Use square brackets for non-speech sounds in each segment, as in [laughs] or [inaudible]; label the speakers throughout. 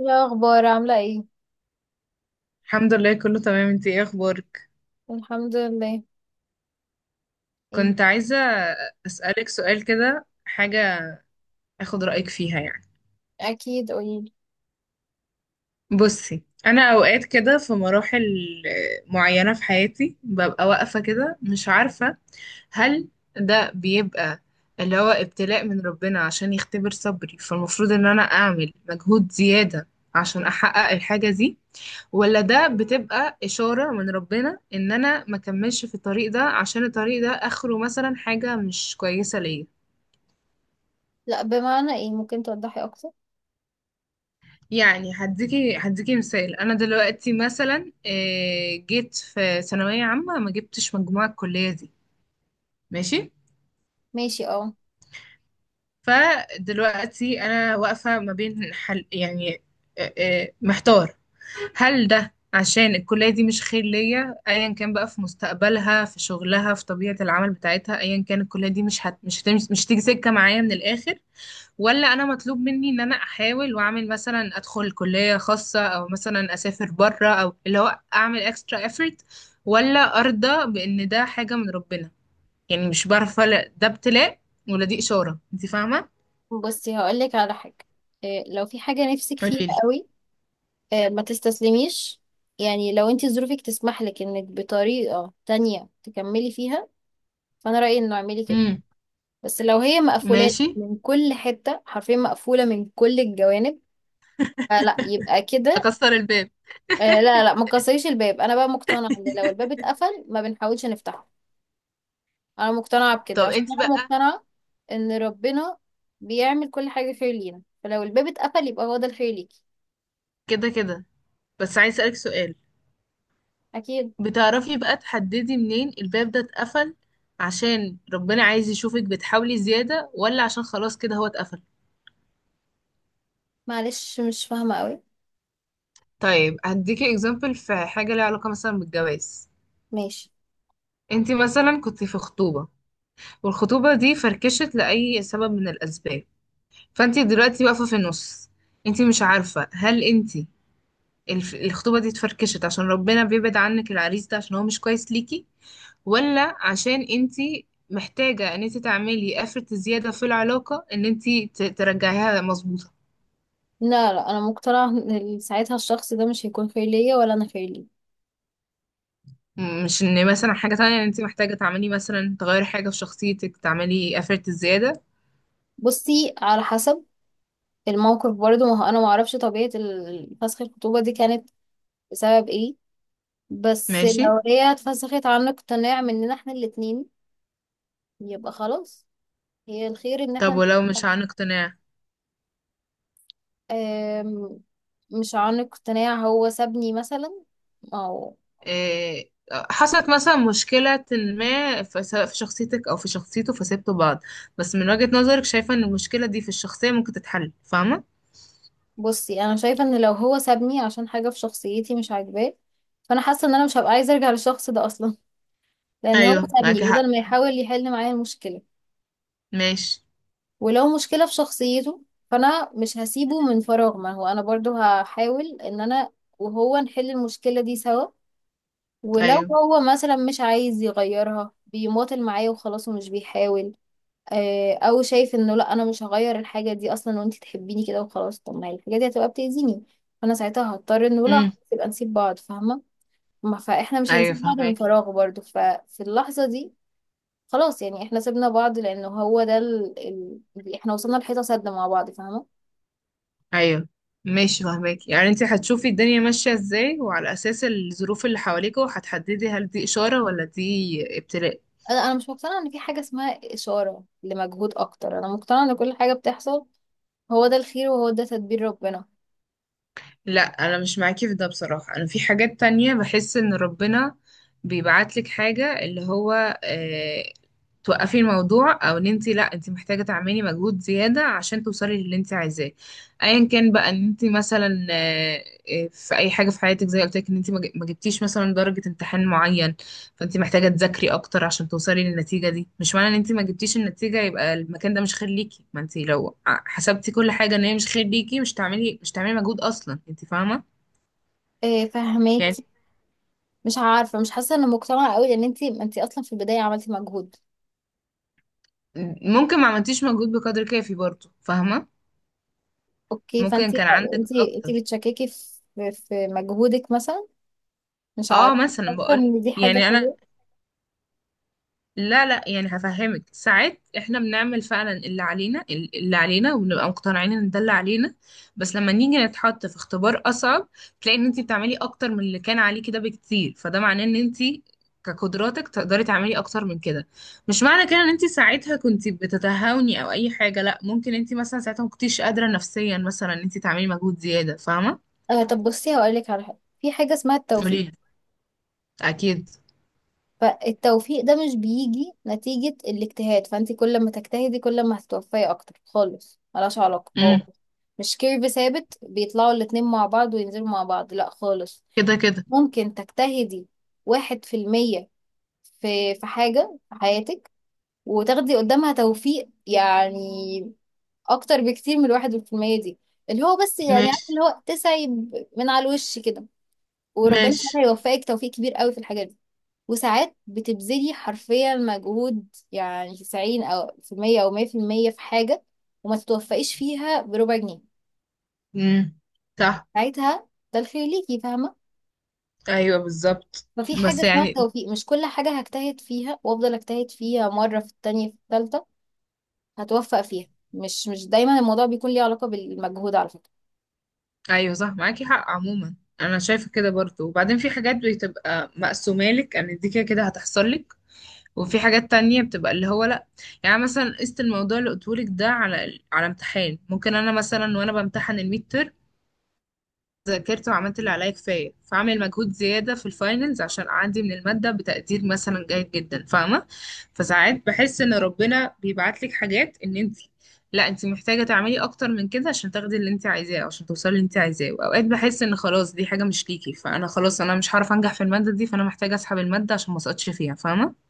Speaker 1: إيه الأخبار عاملة ايه؟
Speaker 2: الحمد لله، كله تمام. انتي ايه اخبارك؟
Speaker 1: الحمد لله. ايه؟
Speaker 2: كنت عايزة اسألك سؤال كده، حاجة اخد رأيك فيها يعني.
Speaker 1: أكيد، قوليلي.
Speaker 2: بصي، انا اوقات كده في مراحل معينة في حياتي ببقى واقفة كده مش عارفة هل ده بيبقى اللي هو ابتلاء من ربنا عشان يختبر صبري، فالمفروض ان انا اعمل مجهود زيادة عشان احقق الحاجة دي، ولا ده بتبقى إشارة من ربنا إن أنا ما كملش في الطريق ده عشان الطريق ده آخره مثلا حاجة مش كويسة ليا.
Speaker 1: لأ، بمعنى ايه؟ ممكن توضحي أكتر؟
Speaker 2: يعني هديكي مثال. أنا دلوقتي مثلا جيت في ثانوية عامة ما جبتش مجموعة الكلية دي. ماشي.
Speaker 1: ماشي، اه.
Speaker 2: فدلوقتي أنا واقفة ما بين حل يعني محتار. هل ده عشان الكلية دي مش خير ليا، ايا كان بقى في مستقبلها في شغلها في طبيعة العمل بتاعتها، ايا كان الكلية دي مش هت... مش هتمش... مش تيجي سكة معايا من الاخر، ولا انا مطلوب مني ان انا احاول واعمل مثلا ادخل كلية خاصة او مثلا اسافر بره او اللي هو اعمل اكسترا effort، ولا ارضى بان ده حاجة من ربنا؟ يعني مش بعرف افرق ده ابتلاء ولا دي اشارة، انت فاهمة.
Speaker 1: بصي هقولك على حاجة. إيه؟ لو في حاجة نفسك فيها
Speaker 2: قوليلي.
Speaker 1: قوي، إيه ما تستسلميش، يعني لو انتي ظروفك تسمح لك انك بطريقة تانية تكملي فيها، فأنا رأيي انه اعملي كده.
Speaker 2: امم.
Speaker 1: بس لو هي مقفولة
Speaker 2: ماشي.
Speaker 1: من كل حتة، حرفيا مقفولة من كل الجوانب، فلا يبقى كده.
Speaker 2: اكسر الباب.
Speaker 1: آه لا لا، ما تكسريش الباب، انا بقى مقتنعه ان لو الباب اتقفل ما بنحاولش نفتحه. انا مقتنعه بكده
Speaker 2: طب
Speaker 1: عشان
Speaker 2: انت
Speaker 1: انا
Speaker 2: بقى.
Speaker 1: مقتنعه ان ربنا بيعمل كل حاجه خير لينا، فلو الباب اتقفل يبقى هو ده الخير ليكي.
Speaker 2: كده كده. بس عايز اسالك سؤال.
Speaker 1: اكيد.
Speaker 2: بتعرفي بقى تحددي منين الباب ده اتقفل؟ عشان ربنا عايز يشوفك بتحاولي زيادة، ولا عشان خلاص كده هو اتقفل.
Speaker 1: معلش مش فاهمه قوي.
Speaker 2: طيب، هديكي اكزامبل في حاجة ليها علاقة مثلا بالجواز.
Speaker 1: ماشي.
Speaker 2: انتي مثلا كنت في خطوبة، والخطوبة دي فركشت لأي سبب من الأسباب. فانتي دلوقتي واقفة في النص، انتي مش عارفة هل انتي الخطوبة دي اتفركشت عشان ربنا بيبعد عنك العريس ده عشان هو مش كويس ليكي، ولا عشان انت محتاجة ان انت تعملي افرت زيادة في العلاقة ان انت ترجعيها مظبوطة.
Speaker 1: لا لا، انا مقتنعه ان ساعتها الشخص ده مش هيكون خير ليا ولا انا خير ليه.
Speaker 2: مش ان مثلا حاجة تانية ان انت محتاجة تعملي مثلا تغيري حاجة في شخصيتك، تعملي افرت زيادة.
Speaker 1: بصي على حسب الموقف برضه، ما هو انا ما اعرفش طبيعه فسخ الخطوبه دي كانت بسبب ايه. بس
Speaker 2: ماشي.
Speaker 1: لو هي اتفسخت عن اقتناع مننا احنا الاتنين يبقى خلاص، هي الخير ان
Speaker 2: طب
Speaker 1: احنا.
Speaker 2: ولو مش عن اقتناع؟
Speaker 1: آم، مش عنق اقتناع، هو سابني مثلا، او.
Speaker 2: إيه، حصلت مثلا مشكلة ما في سواء في شخصيتك او في شخصيته، فسبتوا بعض، بس من وجهة نظرك شايفة ان المشكلة دي في الشخصية ممكن تتحل، فاهمة.
Speaker 1: بصي انا شايفه ان لو هو سابني عشان حاجه في شخصيتي مش عاجباه، فانا حاسه ان انا مش هبقى عايزه ارجع للشخص ده اصلا [laughs] لان هو
Speaker 2: ايوه معاكي
Speaker 1: سابني
Speaker 2: حق.
Speaker 1: بدل ما يحاول يحل معايا المشكله.
Speaker 2: ماشي.
Speaker 1: ولو مشكله في شخصيته، فانا مش هسيبه من فراغ، ما هو انا برضو هحاول ان انا وهو نحل المشكله دي سوا. ولو
Speaker 2: ايوه.
Speaker 1: هو مثلا مش عايز يغيرها، بيماطل معايا وخلاص ومش بيحاول، او شايف انه لا انا مش هغير الحاجه دي اصلا وانت تحبيني كده وخلاص، طب ما هي الحاجه دي هتبقى بتاذيني، فانا ساعتها هضطر انه لا
Speaker 2: امم.
Speaker 1: خلاص يبقى نسيب بعض، فاهمه؟ ما فاحنا مش
Speaker 2: ايوه
Speaker 1: هنسيب بعض من
Speaker 2: فاهمك.
Speaker 1: فراغ برضو، ففي اللحظه دي خلاص يعني احنا سيبنا بعض لانه هو ده اللي احنا وصلنا لحيطه سد مع بعض، فاهمه؟
Speaker 2: ايوه. ماشي فاهمك، يعني انت هتشوفي الدنيا ماشية ازاي، وعلى اساس الظروف اللي حواليك هتحددي هل دي اشارة ولا دي ابتلاء.
Speaker 1: انا مش مقتنعه ان في حاجه اسمها اشاره لمجهود اكتر، انا مقتنعه ان كل حاجه بتحصل هو ده الخير وهو ده تدبير ربنا.
Speaker 2: لا انا مش معاكي في ده بصراحة. انا في حاجات تانية بحس ان ربنا بيبعتلك حاجة اللي هو اه توقفي الموضوع، او ان انت لا انت محتاجة تعملي مجهود زيادة عشان توصلي للي انت عايزاه، ايا كان بقى ان انت مثلا في اي حاجة في حياتك. زي قلت لك ان انت ما جبتيش مثلا درجة امتحان معين، فانت محتاجة تذاكري اكتر عشان توصلي للنتيجة دي. مش معنى ان انت ما جبتيش النتيجة يبقى المكان ده مش خير ليكي. ما انت لو حسبتي كل حاجة ان هي مش خير ليكي مش تعملي مجهود اصلا، انت فاهمة.
Speaker 1: إيه؟
Speaker 2: يعني
Speaker 1: فهماكي. مش عارفه مش حاسه ان مقتنعه قوي، لان انت اصلا في البدايه عملتي مجهود.
Speaker 2: ممكن ما عملتيش مجهود بقدر كافي برضه، فاهمة.
Speaker 1: اوكي، فانت
Speaker 2: ممكن كان عندك
Speaker 1: انت انت
Speaker 2: اكتر.
Speaker 1: بتشككي في مجهودك مثلا؟ مش
Speaker 2: اه
Speaker 1: عارفه مش
Speaker 2: مثلا
Speaker 1: حاسه
Speaker 2: بقول
Speaker 1: ان دي حاجه
Speaker 2: يعني انا،
Speaker 1: حلوه.
Speaker 2: لا لا يعني هفهمك، ساعات احنا بنعمل فعلا اللي علينا وبنبقى مقتنعين ان ده اللي علينا، بس لما نيجي نتحط في اختبار اصعب تلاقي ان انت بتعملي اكتر من اللي كان عليه كده بكتير، فده معناه ان انت كقدراتك تقدري تعملي اكتر من كده. مش معنى كده ان انت ساعتها كنت بتتهاوني او اي حاجه، لا ممكن انت مثلا ساعتها ما كنتيش قادره نفسيا مثلا ان انت تعملي مجهود زياده، فاهمه.
Speaker 1: آه طب بصي هقول لك على حاجه، في حاجه اسمها التوفيق.
Speaker 2: قوليلي. اكيد.
Speaker 1: فالتوفيق ده مش بيجي نتيجه الاجتهاد، فانت كل ما تجتهدي كل ما هتتوفقي اكتر خالص، ملهاش علاقه. هو
Speaker 2: امم.
Speaker 1: مش كيرف ثابت بيطلعوا الاتنين مع بعض وينزلوا مع بعض، لا خالص.
Speaker 2: كده كده.
Speaker 1: ممكن تجتهدي 1% في في حاجة في حياتك، وتاخدي قدامها توفيق، يعني اكتر بكتير من 1% دي، اللي هو بس يعني عارف،
Speaker 2: ماشي.
Speaker 1: اللي هو تسعي من على الوش كده. وربنا
Speaker 2: ماشي.
Speaker 1: سبحانه يوفقك توفيق كبير قوي في الحاجات دي. وساعات بتبذلي حرفيا مجهود، يعني 90 او في المية او 100% في المية في حاجة، وما تتوفقيش فيها بربع جنيه.
Speaker 2: امم. صح.
Speaker 1: ساعتها ده الخير ليكي، فاهمة؟
Speaker 2: ايوه بالظبط،
Speaker 1: ففي حاجة
Speaker 2: بس
Speaker 1: اسمها
Speaker 2: يعني.
Speaker 1: توفيق، مش كل حاجة هجتهد فيها وافضل اجتهد فيها مرة في التانية في التالتة هتوفق فيها. مش دايما الموضوع بيكون ليه علاقة بالمجهود على فكرة.
Speaker 2: ايوه صح معاكي حق عموما. انا شايفه كده برضو. وبعدين في حاجات بتبقى مقسومه لك ان دي كده كده هتحصل لك، وفي حاجات تانية بتبقى اللي هو لا. يعني مثلا قست الموضوع اللي قلتهولك ده على على امتحان، ممكن انا مثلا وانا بمتحن الميد ذاكرت وعملت اللي عليا كفاية، فاعمل مجهود زيادة في الفاينلز عشان أعدي من المادة بتقدير مثلا جيد جدا، فاهمة. فساعات بحس إن ربنا بيبعت لك حاجات إن أنت لا أنت محتاجة تعملي أكتر من كده عشان تاخدي اللي أنت عايزاه، أو عشان توصلي اللي أنت عايزاه. وأوقات بحس إن خلاص دي حاجة مش ليكي، فأنا خلاص أنا مش هعرف أنجح في المادة دي، فأنا محتاجة أسحب المادة عشان ما أسقطش فيها، فاهمة.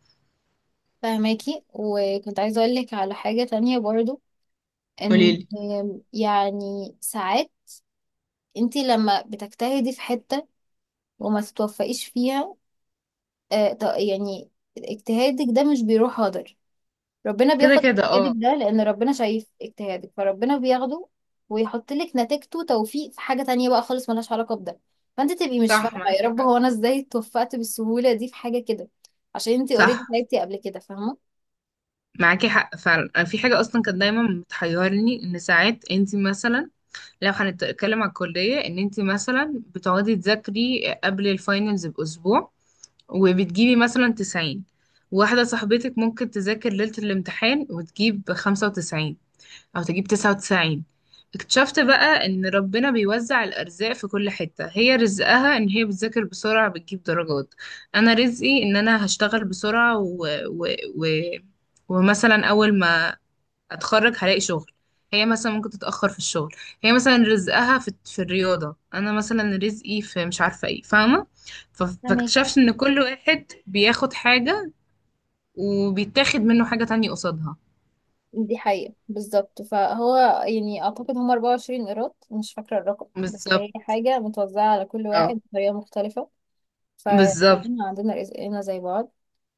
Speaker 1: فهماكي. وكنت عايزة أقولك على حاجة تانية برضو، إن
Speaker 2: قوليلي.
Speaker 1: يعني ساعات انتي لما بتجتهدي في حتة وما تتوفقيش فيها، يعني اجتهادك ده مش بيروح هدر. ربنا
Speaker 2: كده
Speaker 1: بياخد
Speaker 2: كده
Speaker 1: اجتهادك
Speaker 2: اه.
Speaker 1: ده، لأن ربنا شايف اجتهادك فربنا بياخده ويحط لك نتيجته توفيق في حاجة تانية بقى خالص ملهاش علاقة بده. فانت تبقي مش
Speaker 2: صح
Speaker 1: فاهمة، يا
Speaker 2: معاكي
Speaker 1: رب
Speaker 2: حق.
Speaker 1: هو أنا ازاي اتوفقت بالسهولة دي في حاجة كده، عشان انتي اوريدي
Speaker 2: صح
Speaker 1: تعبتي قبل كده، فاهمة؟
Speaker 2: معاكي حق فعلا. أنا في حاجة أصلا كانت دايما بتحيرني إن ساعات أنت مثلا، لو هنتكلم على الكلية، ان انت مثلا بتقعدي تذاكري قبل الفاينلز بأسبوع وبتجيبي مثلا 90، واحدة صاحبتك ممكن تذاكر ليلة الامتحان وتجيب 95 أو تجيب 99. اكتشفت بقى ان ربنا بيوزع الأرزاق في كل حتة، هي رزقها ان هي بتذاكر بسرعة بتجيب درجات، أنا رزقي ان أنا هشتغل بسرعة و... ومثلا أول ما اتخرج هلاقي شغل، هي مثلا ممكن تتأخر في الشغل. هي مثلا رزقها في الرياضة، انا مثلا رزقي في مش عارفة ايه، فاهمة. ف-
Speaker 1: فهماكي.
Speaker 2: فاكتشفت ان كل واحد بياخد حاجة وبيتاخد منه حاجة تانية قصادها.
Speaker 1: دي حقيقة بالظبط، فهو يعني أعتقد هم 24 قيراط، مش فاكرة الرقم، بس
Speaker 2: بالظبط.
Speaker 1: هي حاجة متوزعة على كل
Speaker 2: اه
Speaker 1: واحد بطريقة مختلفة.
Speaker 2: بالظبط.
Speaker 1: فكلنا عندنا رزقنا زي بعض.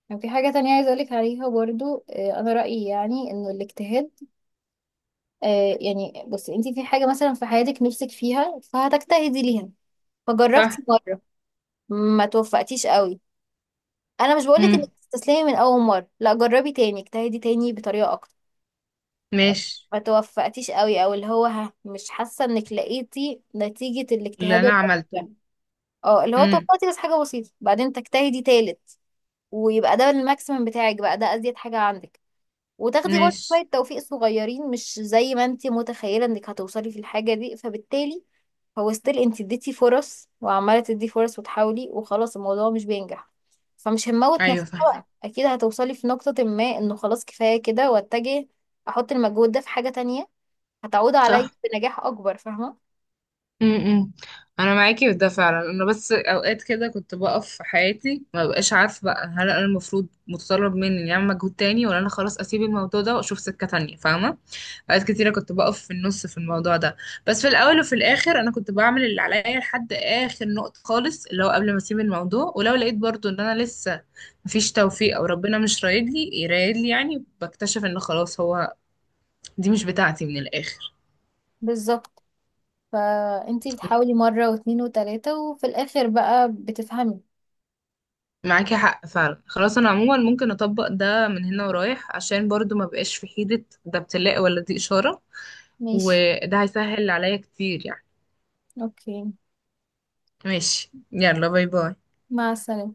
Speaker 1: كان في حاجة تانية عايزة أقولك عليها برضو، أنا رأيي يعني إنه الاجتهاد، يعني بصي أنتي في حاجة مثلا في حياتك نفسك فيها فهتجتهدي ليها،
Speaker 2: صح.
Speaker 1: فجربتي مرة ما توفقتيش قوي، أنا مش بقولك إنك
Speaker 2: مم.
Speaker 1: تستسلمي من أول مرة، لا جربي تاني اجتهدي تاني بطريقة أكتر،
Speaker 2: ماشي.
Speaker 1: ما توفقتيش قوي او اللي هو ها مش حاسه انك لقيتي نتيجه
Speaker 2: اللي
Speaker 1: الاجتهاد
Speaker 2: انا عملته.
Speaker 1: البسيط اه اللي هو
Speaker 2: مم.
Speaker 1: توفقتي بس حاجه بسيطه، بعدين تجتهدي تالت ويبقى ده الماكسيمم بتاعك بقى، ده ازيد حاجه عندك، وتاخدي برضه
Speaker 2: ماشي.
Speaker 1: شويه توفيق صغيرين مش زي ما انت متخيله انك هتوصلي في الحاجه دي. فبالتالي هو ستيل انت اديتي فرص وعماله تدي فرص وتحاولي، وخلاص الموضوع مش بينجح، فمش هنموت
Speaker 2: ايوه
Speaker 1: نفسنا بقى،
Speaker 2: فاهمك.
Speaker 1: اكيد هتوصلي في نقطه ما انه خلاص كفايه كده واتجه، احط المجهود ده في حاجه تانية هتعود عليا
Speaker 2: صح.
Speaker 1: بنجاح اكبر، فاهمة؟
Speaker 2: امم. انا معاكي في ده فعلا، انا بس اوقات كده كنت بقف في حياتي ما بقاش عارفه بقى هل انا المفروض متطلب مني اني اعمل مجهود تاني، ولا انا خلاص اسيب الموضوع ده واشوف سكه تانية، فاهمه. اوقات كتيره كنت بقف في النص في الموضوع ده، بس في الاول وفي الاخر انا كنت بعمل اللي عليا لحد اخر نقطه خالص اللي هو قبل ما اسيب الموضوع، ولو لقيت برضو ان انا لسه مفيش توفيق او ربنا مش رايد لي يرايد لي يعني، بكتشف ان خلاص هو دي مش بتاعتي من الاخر.
Speaker 1: بالظبط. فانتي بتحاولي مرة واتنين وتلاتة وفي الآخر بقى بتفهمي.
Speaker 2: معاكي حق فعلا. خلاص انا عموما ممكن اطبق ده من هنا ورايح، عشان برضو ما بقاش في حيرة ده ابتلاء ولا دي اشارة.
Speaker 1: ماشي.
Speaker 2: وده هيسهل عليا كتير يعني.
Speaker 1: اوكي.
Speaker 2: ماشي. يلا باي باي.
Speaker 1: مع السلامة.